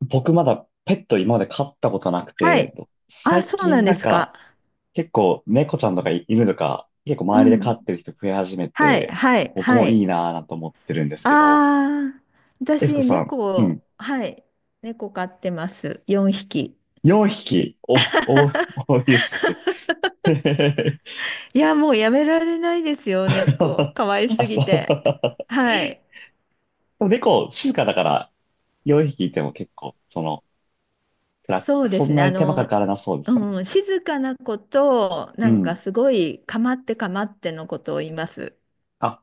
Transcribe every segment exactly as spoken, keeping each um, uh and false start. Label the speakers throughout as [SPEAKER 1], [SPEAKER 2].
[SPEAKER 1] 僕まだペット今まで飼ったことなく
[SPEAKER 2] は
[SPEAKER 1] て、
[SPEAKER 2] い。あ、
[SPEAKER 1] 最
[SPEAKER 2] そうな
[SPEAKER 1] 近
[SPEAKER 2] んで
[SPEAKER 1] なん
[SPEAKER 2] すか。
[SPEAKER 1] か結構猫ちゃんとか犬とか結構
[SPEAKER 2] う
[SPEAKER 1] 周りで飼
[SPEAKER 2] ん。
[SPEAKER 1] ってる人増え始め
[SPEAKER 2] はい、
[SPEAKER 1] て、
[SPEAKER 2] はい、
[SPEAKER 1] 僕
[SPEAKER 2] は
[SPEAKER 1] もい
[SPEAKER 2] い。
[SPEAKER 1] いなぁなんて思ってるんですけど、
[SPEAKER 2] ああ、
[SPEAKER 1] エスコ
[SPEAKER 2] 私、
[SPEAKER 1] さん、うん、
[SPEAKER 2] 猫、はい。猫飼ってます。よんひき。
[SPEAKER 1] よんひき、お、お、多いですね。
[SPEAKER 2] いや、もうやめられないですよ、猫。可愛
[SPEAKER 1] あ、
[SPEAKER 2] す
[SPEAKER 1] そ
[SPEAKER 2] ぎて。
[SPEAKER 1] う。
[SPEAKER 2] はい。
[SPEAKER 1] でも猫静かだからよんひきいても結構、その、辛
[SPEAKER 2] そ
[SPEAKER 1] く
[SPEAKER 2] うで
[SPEAKER 1] そ
[SPEAKER 2] す
[SPEAKER 1] ん
[SPEAKER 2] ね。
[SPEAKER 1] な
[SPEAKER 2] あ
[SPEAKER 1] に手間かか
[SPEAKER 2] の、
[SPEAKER 1] らなそうですよね。
[SPEAKER 2] うん、静かな子と、
[SPEAKER 1] う
[SPEAKER 2] なんか
[SPEAKER 1] ん。
[SPEAKER 2] すごい、かまってかまってのことを言います。
[SPEAKER 1] あ、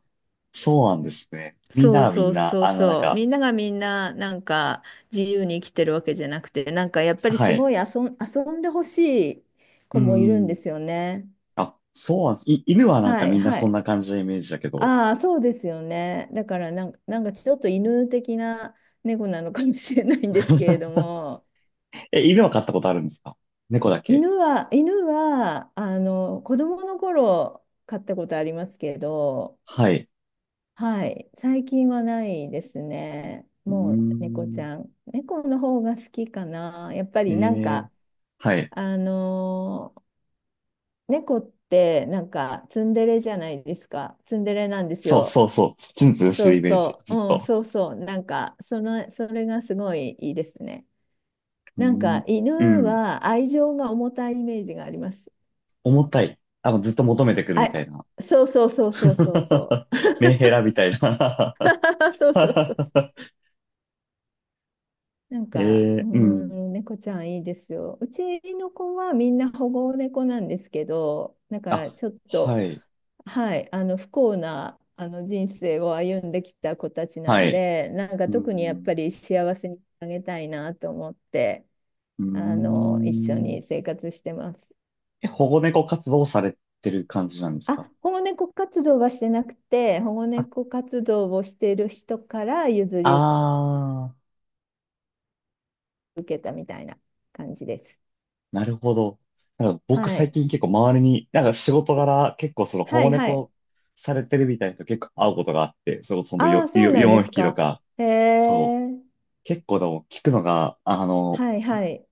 [SPEAKER 1] そうなんですね。みんな
[SPEAKER 2] そう
[SPEAKER 1] はみ
[SPEAKER 2] そ
[SPEAKER 1] ん
[SPEAKER 2] う
[SPEAKER 1] な、
[SPEAKER 2] そう
[SPEAKER 1] あの、なん
[SPEAKER 2] そう。
[SPEAKER 1] か、
[SPEAKER 2] みんながみんな、なんか自由に生きてるわけじゃなくて、なんかやっぱり
[SPEAKER 1] は
[SPEAKER 2] す
[SPEAKER 1] い。
[SPEAKER 2] ごい遊ん、遊んでほしい
[SPEAKER 1] う
[SPEAKER 2] 子もいるんで
[SPEAKER 1] ん。
[SPEAKER 2] すよね。
[SPEAKER 1] あ、そうなんです。い、犬はなん
[SPEAKER 2] は
[SPEAKER 1] か
[SPEAKER 2] い
[SPEAKER 1] みんな
[SPEAKER 2] は
[SPEAKER 1] そん
[SPEAKER 2] い。
[SPEAKER 1] な感じのイメージだけど。
[SPEAKER 2] ああ、そうですよね。だからなんか、なんかちょっと犬的な猫なのかもしれないんですけれど も、
[SPEAKER 1] え、犬は飼ったことあるんですか？猫だけ。
[SPEAKER 2] 犬は、犬は、あの、子供の頃飼ったことありますけど、
[SPEAKER 1] はい。
[SPEAKER 2] はい、最近はないですね。
[SPEAKER 1] うー
[SPEAKER 2] もう猫ち
[SPEAKER 1] ん。
[SPEAKER 2] ゃん。猫の方が好きかな。やっぱ
[SPEAKER 1] え
[SPEAKER 2] りなん
[SPEAKER 1] え、
[SPEAKER 2] か、
[SPEAKER 1] はい。
[SPEAKER 2] あのー猫ってなんかツンデレじゃないですか。ツンデレなんです
[SPEAKER 1] そう
[SPEAKER 2] よ。
[SPEAKER 1] そうそう。ツンツンして
[SPEAKER 2] そう
[SPEAKER 1] るイメージ。
[SPEAKER 2] そ
[SPEAKER 1] ず
[SPEAKER 2] う。
[SPEAKER 1] っ
[SPEAKER 2] うん、
[SPEAKER 1] と。
[SPEAKER 2] そうそう。なんか、その、それがすごいいいですね。
[SPEAKER 1] うー
[SPEAKER 2] なん
[SPEAKER 1] ん。
[SPEAKER 2] か、
[SPEAKER 1] う
[SPEAKER 2] 犬
[SPEAKER 1] ん。
[SPEAKER 2] は愛情が重たいイメージがあります。
[SPEAKER 1] 重たい。あの、ずっと求めてくる
[SPEAKER 2] あ、
[SPEAKER 1] みたいな。
[SPEAKER 2] そうそうそうそうそうそ う。
[SPEAKER 1] メンヘラみたいな。
[SPEAKER 2] そうそう そうそう。なん
[SPEAKER 1] え
[SPEAKER 2] か、うー
[SPEAKER 1] え、うん。
[SPEAKER 2] ん、猫ちゃんいいですよ。うちの子はみんな保護猫なんですけど、だから
[SPEAKER 1] あ、
[SPEAKER 2] ちょっ
[SPEAKER 1] は
[SPEAKER 2] と、
[SPEAKER 1] い。
[SPEAKER 2] はい、あの不幸なあの人生を歩んできた子たちな
[SPEAKER 1] は
[SPEAKER 2] ん
[SPEAKER 1] い。
[SPEAKER 2] で、なんか
[SPEAKER 1] う
[SPEAKER 2] 特にやっ
[SPEAKER 1] ん。
[SPEAKER 2] ぱり幸せにあげたいなと思って、
[SPEAKER 1] うー
[SPEAKER 2] あの一緒
[SPEAKER 1] ん。
[SPEAKER 2] に生活してます。
[SPEAKER 1] え、保護猫活動をされてる感じなんですか？
[SPEAKER 2] あ、保護猫活動はしてなくて、保護猫活動をしている人から譲
[SPEAKER 1] あ
[SPEAKER 2] り受ける
[SPEAKER 1] ー、
[SPEAKER 2] 感じです。
[SPEAKER 1] なるほど。なんか僕
[SPEAKER 2] は
[SPEAKER 1] 最
[SPEAKER 2] い。
[SPEAKER 1] 近結構周りに、なんか仕事柄結構その保
[SPEAKER 2] は
[SPEAKER 1] 護
[SPEAKER 2] いはい。
[SPEAKER 1] 猫されてるみたいな人結構会うことがあって、それこそほんと
[SPEAKER 2] あ
[SPEAKER 1] よ
[SPEAKER 2] あ、そう
[SPEAKER 1] よ
[SPEAKER 2] なんで
[SPEAKER 1] 4
[SPEAKER 2] す
[SPEAKER 1] 匹と
[SPEAKER 2] か。
[SPEAKER 1] か、
[SPEAKER 2] へ
[SPEAKER 1] そう。
[SPEAKER 2] え。
[SPEAKER 1] 結構でも聞くのが、あの、
[SPEAKER 2] はいはい。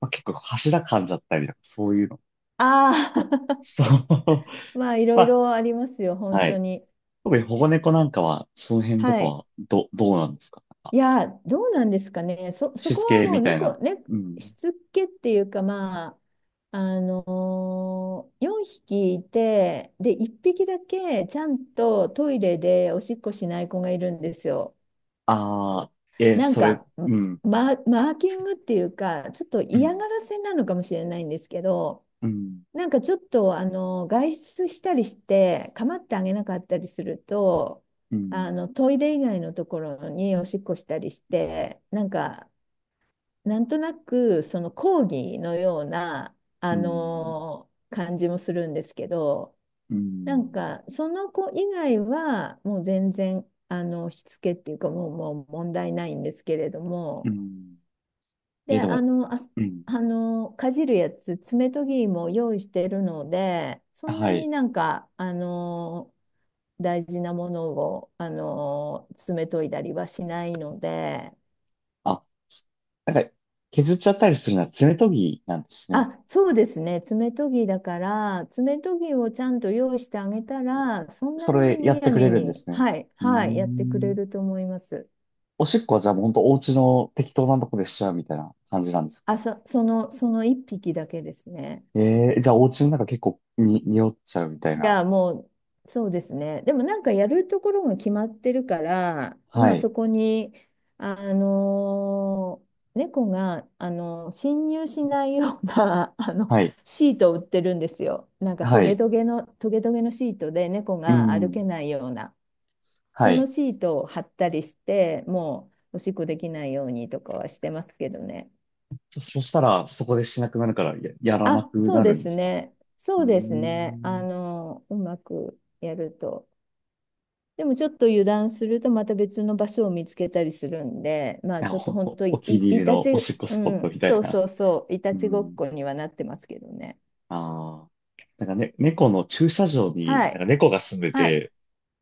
[SPEAKER 1] まあ、結構柱噛んじゃったりとか、そういうの。
[SPEAKER 2] ああ、
[SPEAKER 1] そう。
[SPEAKER 2] まあいろ
[SPEAKER 1] ま
[SPEAKER 2] い
[SPEAKER 1] あ、
[SPEAKER 2] ろありますよ、本
[SPEAKER 1] は
[SPEAKER 2] 当
[SPEAKER 1] い。
[SPEAKER 2] に。
[SPEAKER 1] 特に保護猫なんかは、その辺と
[SPEAKER 2] は
[SPEAKER 1] か
[SPEAKER 2] い。
[SPEAKER 1] は、ど、どうなんですか、なん
[SPEAKER 2] い
[SPEAKER 1] か
[SPEAKER 2] や、どうなんですかね。そ、そ
[SPEAKER 1] し
[SPEAKER 2] こ
[SPEAKER 1] つ
[SPEAKER 2] は
[SPEAKER 1] け
[SPEAKER 2] もう
[SPEAKER 1] みたい
[SPEAKER 2] 猫、
[SPEAKER 1] な。
[SPEAKER 2] ね、
[SPEAKER 1] うん。
[SPEAKER 2] しつけっていうか、まあ、あのー、よんひきいて、で、いっぴきだけちゃんとトイレでおしっこしない子がいるんですよ。
[SPEAKER 1] ああ、え、
[SPEAKER 2] なん
[SPEAKER 1] それ、
[SPEAKER 2] か、
[SPEAKER 1] うん。
[SPEAKER 2] マ、マーキングっていうか、ちょっと
[SPEAKER 1] う
[SPEAKER 2] 嫌
[SPEAKER 1] ん、
[SPEAKER 2] がらせなのかもしれないんですけど、
[SPEAKER 1] うん、
[SPEAKER 2] なんかちょっとあの外出したりして構ってあげなかったりすると
[SPEAKER 1] うん、
[SPEAKER 2] あのトイレ以外のところにおしっこしたりして、なんか、なんとなくその抗議のような
[SPEAKER 1] う
[SPEAKER 2] あ
[SPEAKER 1] ん、
[SPEAKER 2] の感じもするんですけど、
[SPEAKER 1] う
[SPEAKER 2] なん
[SPEAKER 1] ん、
[SPEAKER 2] かその子以外はもう全然あのしつけっていうか、もう、もう問題ないんですけれど
[SPEAKER 1] う
[SPEAKER 2] も、
[SPEAKER 1] ん、
[SPEAKER 2] で、
[SPEAKER 1] え、で
[SPEAKER 2] あ
[SPEAKER 1] も、
[SPEAKER 2] の、あ
[SPEAKER 1] うん。
[SPEAKER 2] あの、かじるやつ、爪研ぎも用意してるので、そん
[SPEAKER 1] は
[SPEAKER 2] なに
[SPEAKER 1] い。
[SPEAKER 2] なんか、あの、大事なものを、あの、爪研いだりはしないので、
[SPEAKER 1] あ、なんか、削っちゃったりするのは爪研ぎなんですね。
[SPEAKER 2] あ、そうですね、爪研ぎだから、爪研ぎをちゃんと用意してあげたら、そんな
[SPEAKER 1] それ
[SPEAKER 2] にむ
[SPEAKER 1] やって
[SPEAKER 2] や
[SPEAKER 1] くれ
[SPEAKER 2] み
[SPEAKER 1] るんで
[SPEAKER 2] に、
[SPEAKER 1] すね。
[SPEAKER 2] はい、
[SPEAKER 1] うー
[SPEAKER 2] はい、やってくれ
[SPEAKER 1] ん。
[SPEAKER 2] ると思います。
[SPEAKER 1] おしっこはじゃあもうほんとお家の適当なとこでしちゃうみたいな感じなんです
[SPEAKER 2] あ、
[SPEAKER 1] か？
[SPEAKER 2] そ、その、その一匹だけですね。
[SPEAKER 1] えー、じゃあお家の中結構に、匂っちゃうみたい
[SPEAKER 2] い
[SPEAKER 1] な。
[SPEAKER 2] や、もう、そうですね。でもなんかやるところが決まってるから、
[SPEAKER 1] は
[SPEAKER 2] まあ
[SPEAKER 1] い。
[SPEAKER 2] そこに、あのー猫が、あのー侵入しないような、あの、
[SPEAKER 1] はい。
[SPEAKER 2] シートを売ってるんですよ。なんかト
[SPEAKER 1] は
[SPEAKER 2] ゲ
[SPEAKER 1] い。
[SPEAKER 2] トゲの、トゲトゲのシートで猫
[SPEAKER 1] う
[SPEAKER 2] が歩け
[SPEAKER 1] ん。
[SPEAKER 2] ないような、
[SPEAKER 1] は
[SPEAKER 2] その
[SPEAKER 1] い。
[SPEAKER 2] シートを貼ったりして、もうおしっこできないようにとかはしてますけどね。
[SPEAKER 1] そそしたらそこでしなくなるから、や、やらな
[SPEAKER 2] あ、
[SPEAKER 1] く
[SPEAKER 2] そ
[SPEAKER 1] な
[SPEAKER 2] う
[SPEAKER 1] る
[SPEAKER 2] で
[SPEAKER 1] んで
[SPEAKER 2] す
[SPEAKER 1] すか
[SPEAKER 2] ね。
[SPEAKER 1] う
[SPEAKER 2] そ
[SPEAKER 1] ー
[SPEAKER 2] うですね。あ
[SPEAKER 1] ん。
[SPEAKER 2] のーうまくやると。でもちょっと油断するとまた別の場所を見つけたりするんで、ま あ
[SPEAKER 1] な
[SPEAKER 2] ち
[SPEAKER 1] ん
[SPEAKER 2] ょっと
[SPEAKER 1] か
[SPEAKER 2] 本
[SPEAKER 1] お、
[SPEAKER 2] 当
[SPEAKER 1] お
[SPEAKER 2] い、
[SPEAKER 1] 気に入
[SPEAKER 2] い
[SPEAKER 1] り
[SPEAKER 2] た
[SPEAKER 1] のお
[SPEAKER 2] ち、
[SPEAKER 1] しっこ
[SPEAKER 2] う
[SPEAKER 1] スポット
[SPEAKER 2] ん、
[SPEAKER 1] みたい
[SPEAKER 2] そう
[SPEAKER 1] な。
[SPEAKER 2] そうそう、いた
[SPEAKER 1] う
[SPEAKER 2] ちごっ
[SPEAKER 1] ん。
[SPEAKER 2] こにはなってますけどね。
[SPEAKER 1] ああ。なんかね、猫の駐車場に、
[SPEAKER 2] は
[SPEAKER 1] なんか
[SPEAKER 2] い、
[SPEAKER 1] 猫が住んで
[SPEAKER 2] はい。
[SPEAKER 1] て、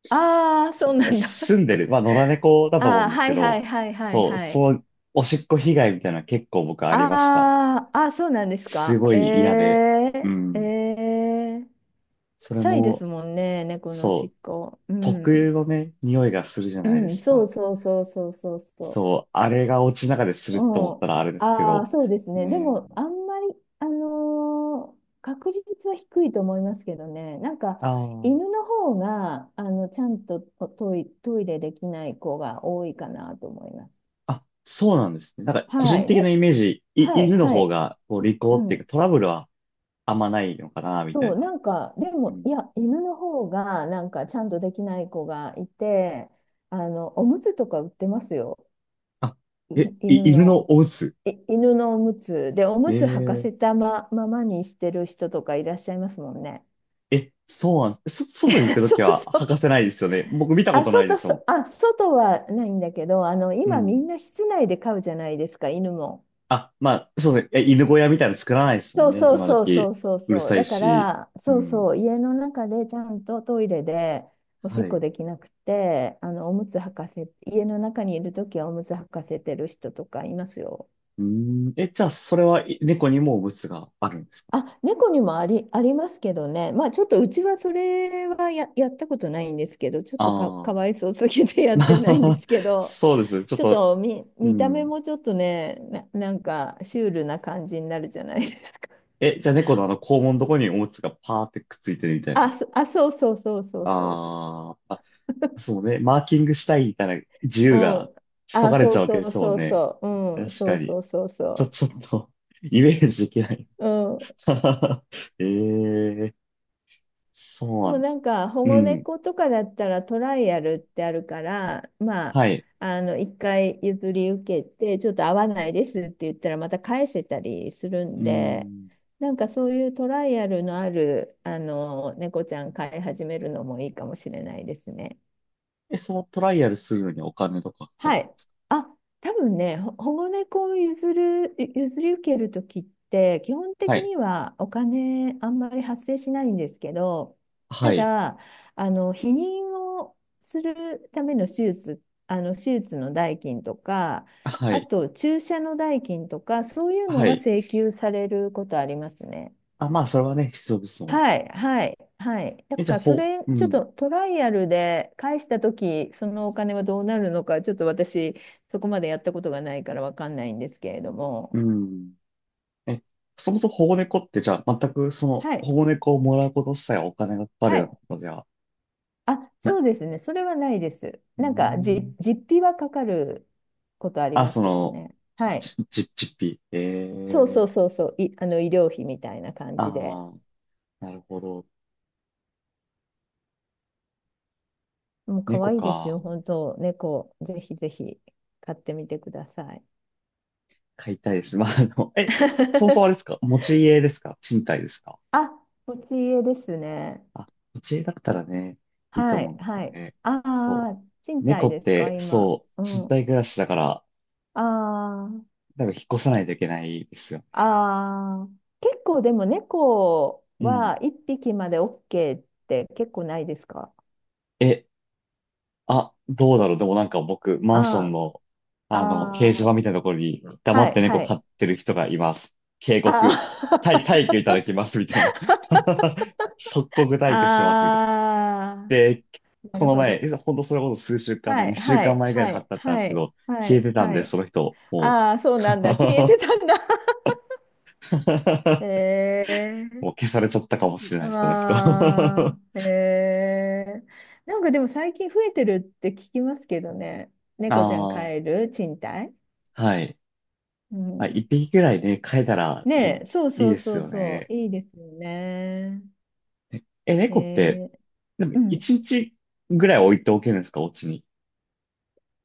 [SPEAKER 2] ああ、そうなんだ。
[SPEAKER 1] 住んでる、まあ野良猫だと思
[SPEAKER 2] あ
[SPEAKER 1] うん
[SPEAKER 2] あ、
[SPEAKER 1] です
[SPEAKER 2] は
[SPEAKER 1] け
[SPEAKER 2] いは
[SPEAKER 1] ど、
[SPEAKER 2] いはいはい
[SPEAKER 1] そう、
[SPEAKER 2] はい。
[SPEAKER 1] そう、おしっこ被害みたいなの結構僕ありました。
[SPEAKER 2] ああ、あそうなんです
[SPEAKER 1] す
[SPEAKER 2] か。
[SPEAKER 1] ご
[SPEAKER 2] え
[SPEAKER 1] い嫌で。う
[SPEAKER 2] え
[SPEAKER 1] ん。
[SPEAKER 2] ええ、
[SPEAKER 1] それ
[SPEAKER 2] 臭いです
[SPEAKER 1] も、
[SPEAKER 2] もんね、猫のおし
[SPEAKER 1] そう、
[SPEAKER 2] っこ。う
[SPEAKER 1] 特有
[SPEAKER 2] ん。
[SPEAKER 1] のね、匂いがするじゃ
[SPEAKER 2] う
[SPEAKER 1] ないで
[SPEAKER 2] ん、
[SPEAKER 1] す
[SPEAKER 2] そう
[SPEAKER 1] か。
[SPEAKER 2] そうそうそうそうそう。
[SPEAKER 1] そう、あれがお家の中です
[SPEAKER 2] う
[SPEAKER 1] ると思っ
[SPEAKER 2] ん。
[SPEAKER 1] たらあれですけ
[SPEAKER 2] ああ、
[SPEAKER 1] ど、
[SPEAKER 2] そうですね。で
[SPEAKER 1] ね。
[SPEAKER 2] も、あんまり、あのー確率は低いと思いますけどね。なんか、
[SPEAKER 1] あ
[SPEAKER 2] 犬
[SPEAKER 1] あ。
[SPEAKER 2] の方が、あの、ちゃんとトイ、トイレできない子が多いかなと思います。
[SPEAKER 1] あ、そうなんですね。なんか、個
[SPEAKER 2] は
[SPEAKER 1] 人
[SPEAKER 2] い。
[SPEAKER 1] 的な
[SPEAKER 2] ね。
[SPEAKER 1] イメージ、
[SPEAKER 2] は
[SPEAKER 1] い、
[SPEAKER 2] い、
[SPEAKER 1] 犬の
[SPEAKER 2] は
[SPEAKER 1] 方
[SPEAKER 2] い。
[SPEAKER 1] が、こう、利口
[SPEAKER 2] う
[SPEAKER 1] っていうか、
[SPEAKER 2] ん。
[SPEAKER 1] トラブルはあんまないのかな、みた
[SPEAKER 2] そ
[SPEAKER 1] い
[SPEAKER 2] う、
[SPEAKER 1] な。
[SPEAKER 2] なんか、で
[SPEAKER 1] う
[SPEAKER 2] も、
[SPEAKER 1] ん。
[SPEAKER 2] いや、犬の方が、なんか、ちゃんとできない子がいて、あの、おむつとか売ってますよ。
[SPEAKER 1] あ、え、
[SPEAKER 2] い犬
[SPEAKER 1] い犬
[SPEAKER 2] の、
[SPEAKER 1] のお鬱。
[SPEAKER 2] い犬のおむつで、おむつ履か
[SPEAKER 1] え
[SPEAKER 2] せ
[SPEAKER 1] え、
[SPEAKER 2] たま、ままにしてる人とかいらっしゃいますもんね。
[SPEAKER 1] え、そうなんです。そ、外に行 くと
[SPEAKER 2] そ
[SPEAKER 1] き
[SPEAKER 2] う
[SPEAKER 1] は
[SPEAKER 2] そ
[SPEAKER 1] 履か
[SPEAKER 2] う。
[SPEAKER 1] せないですよね。僕見たこ
[SPEAKER 2] あ、
[SPEAKER 1] とないで
[SPEAKER 2] 外、
[SPEAKER 1] すも
[SPEAKER 2] そあ、外はないんだけど、あの、
[SPEAKER 1] ん。う
[SPEAKER 2] 今み
[SPEAKER 1] ん。
[SPEAKER 2] んな室内で飼うじゃないですか、犬も。
[SPEAKER 1] あ、まあ、そうですね。え、犬小屋みたいなの作らないですも
[SPEAKER 2] そ
[SPEAKER 1] ん
[SPEAKER 2] う
[SPEAKER 1] ね、
[SPEAKER 2] そう
[SPEAKER 1] 今
[SPEAKER 2] そうそ
[SPEAKER 1] 時。
[SPEAKER 2] うそう
[SPEAKER 1] うる
[SPEAKER 2] そう。
[SPEAKER 1] さい
[SPEAKER 2] だか
[SPEAKER 1] し。
[SPEAKER 2] ら、
[SPEAKER 1] う
[SPEAKER 2] そう
[SPEAKER 1] ん。
[SPEAKER 2] そう、家の中でちゃんとトイレでおし
[SPEAKER 1] は
[SPEAKER 2] っ
[SPEAKER 1] い。
[SPEAKER 2] こできなくて、あの、おむつ履かせ、家の中にいるときはおむつ履かせてる人とかいますよ。
[SPEAKER 1] うん。え、じゃあ、それは、い猫にもおむつがあるんですか？
[SPEAKER 2] あ、猫にもあり、ありますけどね。まあちょっとうちはそれはや、やったことないんですけど、ちょっとか、
[SPEAKER 1] ああ
[SPEAKER 2] か
[SPEAKER 1] ー。
[SPEAKER 2] わいそうすぎて や
[SPEAKER 1] ま
[SPEAKER 2] ってないんで
[SPEAKER 1] あ、
[SPEAKER 2] すけ ど、
[SPEAKER 1] そうです。ちょっ
[SPEAKER 2] ちょっ
[SPEAKER 1] と、
[SPEAKER 2] と見、
[SPEAKER 1] う
[SPEAKER 2] 見た目
[SPEAKER 1] ん。
[SPEAKER 2] もちょっとね、な、なんかシュールな感じになるじゃないですか。
[SPEAKER 1] え、じゃあ猫のあの肛門のとこにおむつがパーってくっついてるみた い
[SPEAKER 2] あ、
[SPEAKER 1] な。
[SPEAKER 2] そ、あ、そうそうそうそうそうそ
[SPEAKER 1] あーあ、そうね。マーキングしたいみたいな自
[SPEAKER 2] う。
[SPEAKER 1] 由
[SPEAKER 2] う
[SPEAKER 1] が
[SPEAKER 2] ん。
[SPEAKER 1] そ
[SPEAKER 2] あ、
[SPEAKER 1] がれ
[SPEAKER 2] そ
[SPEAKER 1] ち
[SPEAKER 2] う
[SPEAKER 1] ゃうわけ
[SPEAKER 2] そ
[SPEAKER 1] で
[SPEAKER 2] う
[SPEAKER 1] すもん
[SPEAKER 2] そう
[SPEAKER 1] ね。
[SPEAKER 2] そう。うん。
[SPEAKER 1] 確
[SPEAKER 2] そ
[SPEAKER 1] か
[SPEAKER 2] う
[SPEAKER 1] に。
[SPEAKER 2] そうそう
[SPEAKER 1] ちょ、
[SPEAKER 2] そ
[SPEAKER 1] ちょっと イメージできない。
[SPEAKER 2] う。うん。
[SPEAKER 1] ええ、そう
[SPEAKER 2] で
[SPEAKER 1] な
[SPEAKER 2] も
[SPEAKER 1] んで
[SPEAKER 2] な
[SPEAKER 1] す。
[SPEAKER 2] んか保
[SPEAKER 1] う
[SPEAKER 2] 護
[SPEAKER 1] ん。
[SPEAKER 2] 猫とかだったらトライアルってあるから、まあ、
[SPEAKER 1] はい。
[SPEAKER 2] あの一回譲り受けてちょっと合わないですって言ったらまた返せたりするん
[SPEAKER 1] う
[SPEAKER 2] で、
[SPEAKER 1] ん。
[SPEAKER 2] なんかそういうトライアルのあるあの猫ちゃん飼い始めるのもいいかもしれないですね。
[SPEAKER 1] え、そのトライアルするのにお金とかかか
[SPEAKER 2] は
[SPEAKER 1] る。
[SPEAKER 2] い。あ、多分ね、ほ保護猫を譲る、譲り受けるときって、基本
[SPEAKER 1] は
[SPEAKER 2] 的
[SPEAKER 1] い。
[SPEAKER 2] にはお金あんまり発生しないんですけど、
[SPEAKER 1] は
[SPEAKER 2] た
[SPEAKER 1] い。
[SPEAKER 2] だ、あの、避妊をするための手術、あの、手術の代金とか、
[SPEAKER 1] は
[SPEAKER 2] あ
[SPEAKER 1] い。
[SPEAKER 2] と注射の代金とか、そういうの
[SPEAKER 1] は
[SPEAKER 2] は
[SPEAKER 1] い。
[SPEAKER 2] 請求されることありますね。
[SPEAKER 1] あ、まあ、それはね、必要ですもん。
[SPEAKER 2] はい、はい、はい。だ
[SPEAKER 1] え、じゃあ、
[SPEAKER 2] から、そ
[SPEAKER 1] ほ、
[SPEAKER 2] れ、
[SPEAKER 1] う
[SPEAKER 2] ちょっ
[SPEAKER 1] ん。
[SPEAKER 2] とトライアルで返したとき、そのお金はどうなるのか、ちょっと私、そこまでやったことがないからわかんないんですけれども。
[SPEAKER 1] うん。え、そもそも保護猫ってじゃあ全くその
[SPEAKER 2] は
[SPEAKER 1] 保
[SPEAKER 2] い、
[SPEAKER 1] 護猫をもらうこと自体はお金がかかる
[SPEAKER 2] は
[SPEAKER 1] ような
[SPEAKER 2] い。
[SPEAKER 1] ことじゃ
[SPEAKER 2] あ、
[SPEAKER 1] な、
[SPEAKER 2] そうですね。それはないです。
[SPEAKER 1] うー
[SPEAKER 2] なんか、
[SPEAKER 1] ん。
[SPEAKER 2] じ、実費はかかることあり
[SPEAKER 1] あ、
[SPEAKER 2] ま
[SPEAKER 1] そ
[SPEAKER 2] すけど
[SPEAKER 1] の、
[SPEAKER 2] ね。はい。
[SPEAKER 1] ち、ち、ちっぴ。え
[SPEAKER 2] そうそ
[SPEAKER 1] え、
[SPEAKER 2] うそうそう。い、あの、医療費みたいな感
[SPEAKER 1] あ
[SPEAKER 2] じで。
[SPEAKER 1] あー、なるほど。
[SPEAKER 2] もう、可
[SPEAKER 1] 猫
[SPEAKER 2] 愛いですよ。
[SPEAKER 1] か。
[SPEAKER 2] 本当、猫、ぜひぜひ、買ってみてください。
[SPEAKER 1] 飼いたいです。まあ、あの、え、そうそう あれですか？持ち家ですか、賃貸ですか？
[SPEAKER 2] あ、持ち家ですね。
[SPEAKER 1] あ、持ち家だったらね、いいと
[SPEAKER 2] は
[SPEAKER 1] 思う
[SPEAKER 2] い、
[SPEAKER 1] んですけ
[SPEAKER 2] は
[SPEAKER 1] ど
[SPEAKER 2] い。
[SPEAKER 1] ね。
[SPEAKER 2] あ
[SPEAKER 1] そ
[SPEAKER 2] あ、
[SPEAKER 1] う。
[SPEAKER 2] 賃
[SPEAKER 1] 猫
[SPEAKER 2] 貸
[SPEAKER 1] っ
[SPEAKER 2] ですか、
[SPEAKER 1] て、
[SPEAKER 2] 今。
[SPEAKER 1] そう、
[SPEAKER 2] う
[SPEAKER 1] 賃
[SPEAKER 2] ん。
[SPEAKER 1] 貸暮らしだから、
[SPEAKER 2] ああ、
[SPEAKER 1] 多分引っ越さないといけないですよね。
[SPEAKER 2] ああ、結構でも猫
[SPEAKER 1] うん。
[SPEAKER 2] はいっぴきまで オーケー って結構ないですか？
[SPEAKER 1] え、あ、どうだろう。でもなんか僕、マンション
[SPEAKER 2] あ
[SPEAKER 1] の、
[SPEAKER 2] あ、
[SPEAKER 1] あの、掲示
[SPEAKER 2] あ
[SPEAKER 1] 板
[SPEAKER 2] あ、
[SPEAKER 1] みたいなところに黙
[SPEAKER 2] は
[SPEAKER 1] って
[SPEAKER 2] い、
[SPEAKER 1] 猫
[SPEAKER 2] は
[SPEAKER 1] 飼
[SPEAKER 2] い。
[SPEAKER 1] ってる人がいます。警
[SPEAKER 2] あ
[SPEAKER 1] 告、退、退去いただ
[SPEAKER 2] あ、
[SPEAKER 1] きますみたいな。即 刻退去しますみたいな。
[SPEAKER 2] ああ、
[SPEAKER 1] で、
[SPEAKER 2] な
[SPEAKER 1] こ
[SPEAKER 2] る
[SPEAKER 1] の
[SPEAKER 2] ほ
[SPEAKER 1] 前、
[SPEAKER 2] ど。
[SPEAKER 1] えほんとそれこそ数週間
[SPEAKER 2] は
[SPEAKER 1] 前、
[SPEAKER 2] い、
[SPEAKER 1] 2週
[SPEAKER 2] は
[SPEAKER 1] 間
[SPEAKER 2] い、
[SPEAKER 1] 前ぐらい
[SPEAKER 2] は
[SPEAKER 1] に貼っ
[SPEAKER 2] い、
[SPEAKER 1] てあったんで
[SPEAKER 2] は
[SPEAKER 1] すけ
[SPEAKER 2] い、
[SPEAKER 1] ど、
[SPEAKER 2] は
[SPEAKER 1] 消え
[SPEAKER 2] い、
[SPEAKER 1] てたん
[SPEAKER 2] は
[SPEAKER 1] で、
[SPEAKER 2] い。
[SPEAKER 1] その人、も
[SPEAKER 2] ああ、そ
[SPEAKER 1] う、
[SPEAKER 2] うなんだ。消えて たんだ。へえ。
[SPEAKER 1] もう消されちゃったかもしれない、その人。
[SPEAKER 2] あ
[SPEAKER 1] あ
[SPEAKER 2] あ、へえ。なんかでも最近増えてるって聞きますけどね。猫ちゃん飼
[SPEAKER 1] あ、
[SPEAKER 2] える賃貸。
[SPEAKER 1] はい。
[SPEAKER 2] う
[SPEAKER 1] まあ、
[SPEAKER 2] ん。
[SPEAKER 1] 一匹ぐらいね、飼えたら
[SPEAKER 2] ね
[SPEAKER 1] ね、
[SPEAKER 2] え、そう
[SPEAKER 1] いい
[SPEAKER 2] そ
[SPEAKER 1] で
[SPEAKER 2] う
[SPEAKER 1] す
[SPEAKER 2] そう
[SPEAKER 1] よ
[SPEAKER 2] そ
[SPEAKER 1] ね。
[SPEAKER 2] う。いいですよね。
[SPEAKER 1] え、
[SPEAKER 2] え
[SPEAKER 1] 猫って、
[SPEAKER 2] ー、
[SPEAKER 1] でも、
[SPEAKER 2] う
[SPEAKER 1] 一
[SPEAKER 2] ん。
[SPEAKER 1] 日ぐらい置いておけるんですか、お家に？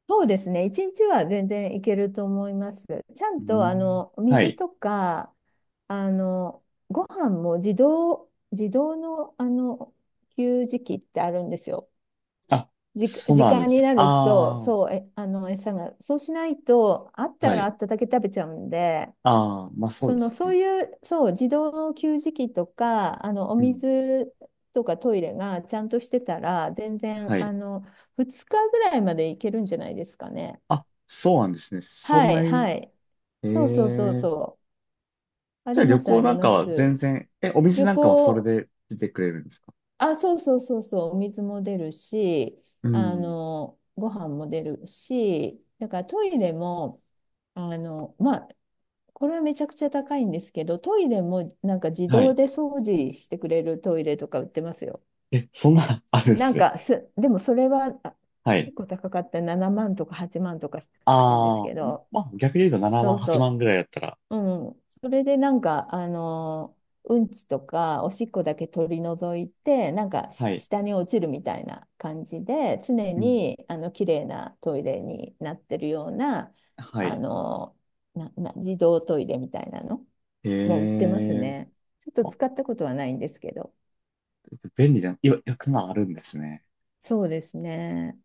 [SPEAKER 2] そうですね。一日は全然いけると思います。ちゃ
[SPEAKER 1] う
[SPEAKER 2] んと、あ
[SPEAKER 1] ん。
[SPEAKER 2] の、
[SPEAKER 1] は
[SPEAKER 2] 水
[SPEAKER 1] い。
[SPEAKER 2] とか、あの、ご飯も自動、自動の、あの、給餌器ってあるんですよ。
[SPEAKER 1] あ、
[SPEAKER 2] じ、
[SPEAKER 1] そう
[SPEAKER 2] 時
[SPEAKER 1] なんで
[SPEAKER 2] 間に
[SPEAKER 1] す。
[SPEAKER 2] なると、
[SPEAKER 1] ああ、
[SPEAKER 2] そう、え、あの、餌が、そうしないと、あった
[SPEAKER 1] は
[SPEAKER 2] らあ
[SPEAKER 1] い。
[SPEAKER 2] っただけ食べちゃうんで、
[SPEAKER 1] ああ、まあそう
[SPEAKER 2] そ
[SPEAKER 1] で
[SPEAKER 2] の、
[SPEAKER 1] す
[SPEAKER 2] そう
[SPEAKER 1] ね。
[SPEAKER 2] いう、そう、自動給餌器とか、あの、お
[SPEAKER 1] うん。
[SPEAKER 2] 水とかトイレがちゃんとしてたら、全然、
[SPEAKER 1] は
[SPEAKER 2] あ
[SPEAKER 1] い。
[SPEAKER 2] の、ふつかぐらいまでいけるんじゃないですかね。
[SPEAKER 1] あ、そうなんですね。そん
[SPEAKER 2] は
[SPEAKER 1] な
[SPEAKER 2] い、
[SPEAKER 1] に、
[SPEAKER 2] はい。
[SPEAKER 1] え
[SPEAKER 2] そうそうそう
[SPEAKER 1] え、
[SPEAKER 2] そう。あ
[SPEAKER 1] じゃ
[SPEAKER 2] り
[SPEAKER 1] あ
[SPEAKER 2] ま
[SPEAKER 1] 旅
[SPEAKER 2] す、あ
[SPEAKER 1] 行
[SPEAKER 2] り
[SPEAKER 1] なんか
[SPEAKER 2] ま
[SPEAKER 1] は全
[SPEAKER 2] す。
[SPEAKER 1] 然、え、お店
[SPEAKER 2] 旅
[SPEAKER 1] なんかはそれ
[SPEAKER 2] 行、
[SPEAKER 1] で出てくれるんですか？
[SPEAKER 2] あ、そうそうそうそう、お水も出るし、
[SPEAKER 1] う
[SPEAKER 2] あ
[SPEAKER 1] ん。
[SPEAKER 2] の、ご飯も出るし、だからトイレも、あの、まあ、これはめちゃくちゃ高いんですけど、トイレもなんか自
[SPEAKER 1] は
[SPEAKER 2] 動
[SPEAKER 1] い。
[SPEAKER 2] で掃除してくれるトイレとか売ってますよ。
[SPEAKER 1] え、そんな、あるんで
[SPEAKER 2] な
[SPEAKER 1] す
[SPEAKER 2] ん
[SPEAKER 1] ね。
[SPEAKER 2] かす、でもそれはあ
[SPEAKER 1] はい。
[SPEAKER 2] 結構高かった、ななまんとかはちまんとかしたと思うんです
[SPEAKER 1] ああ、
[SPEAKER 2] けど、
[SPEAKER 1] まあ逆に言うと7
[SPEAKER 2] そ
[SPEAKER 1] 万、
[SPEAKER 2] うそ
[SPEAKER 1] はちまんぐらいだったら、
[SPEAKER 2] う、うん。それでなんか、あの、うんちとかおしっこだけ取り除いて、なんかし
[SPEAKER 1] はい。
[SPEAKER 2] 下に落ちるみたいな感じで、常
[SPEAKER 1] うん。
[SPEAKER 2] にあの綺麗なトイレになってるような、
[SPEAKER 1] は
[SPEAKER 2] あ
[SPEAKER 1] い。
[SPEAKER 2] の、な、な、自動トイレみたいなのもう売って
[SPEAKER 1] え
[SPEAKER 2] ます
[SPEAKER 1] え、
[SPEAKER 2] ね。ちょっと
[SPEAKER 1] あ
[SPEAKER 2] 使ったことはないんですけど。
[SPEAKER 1] 便利じゃん。いわ、いわくまあるんですね。
[SPEAKER 2] そうですね。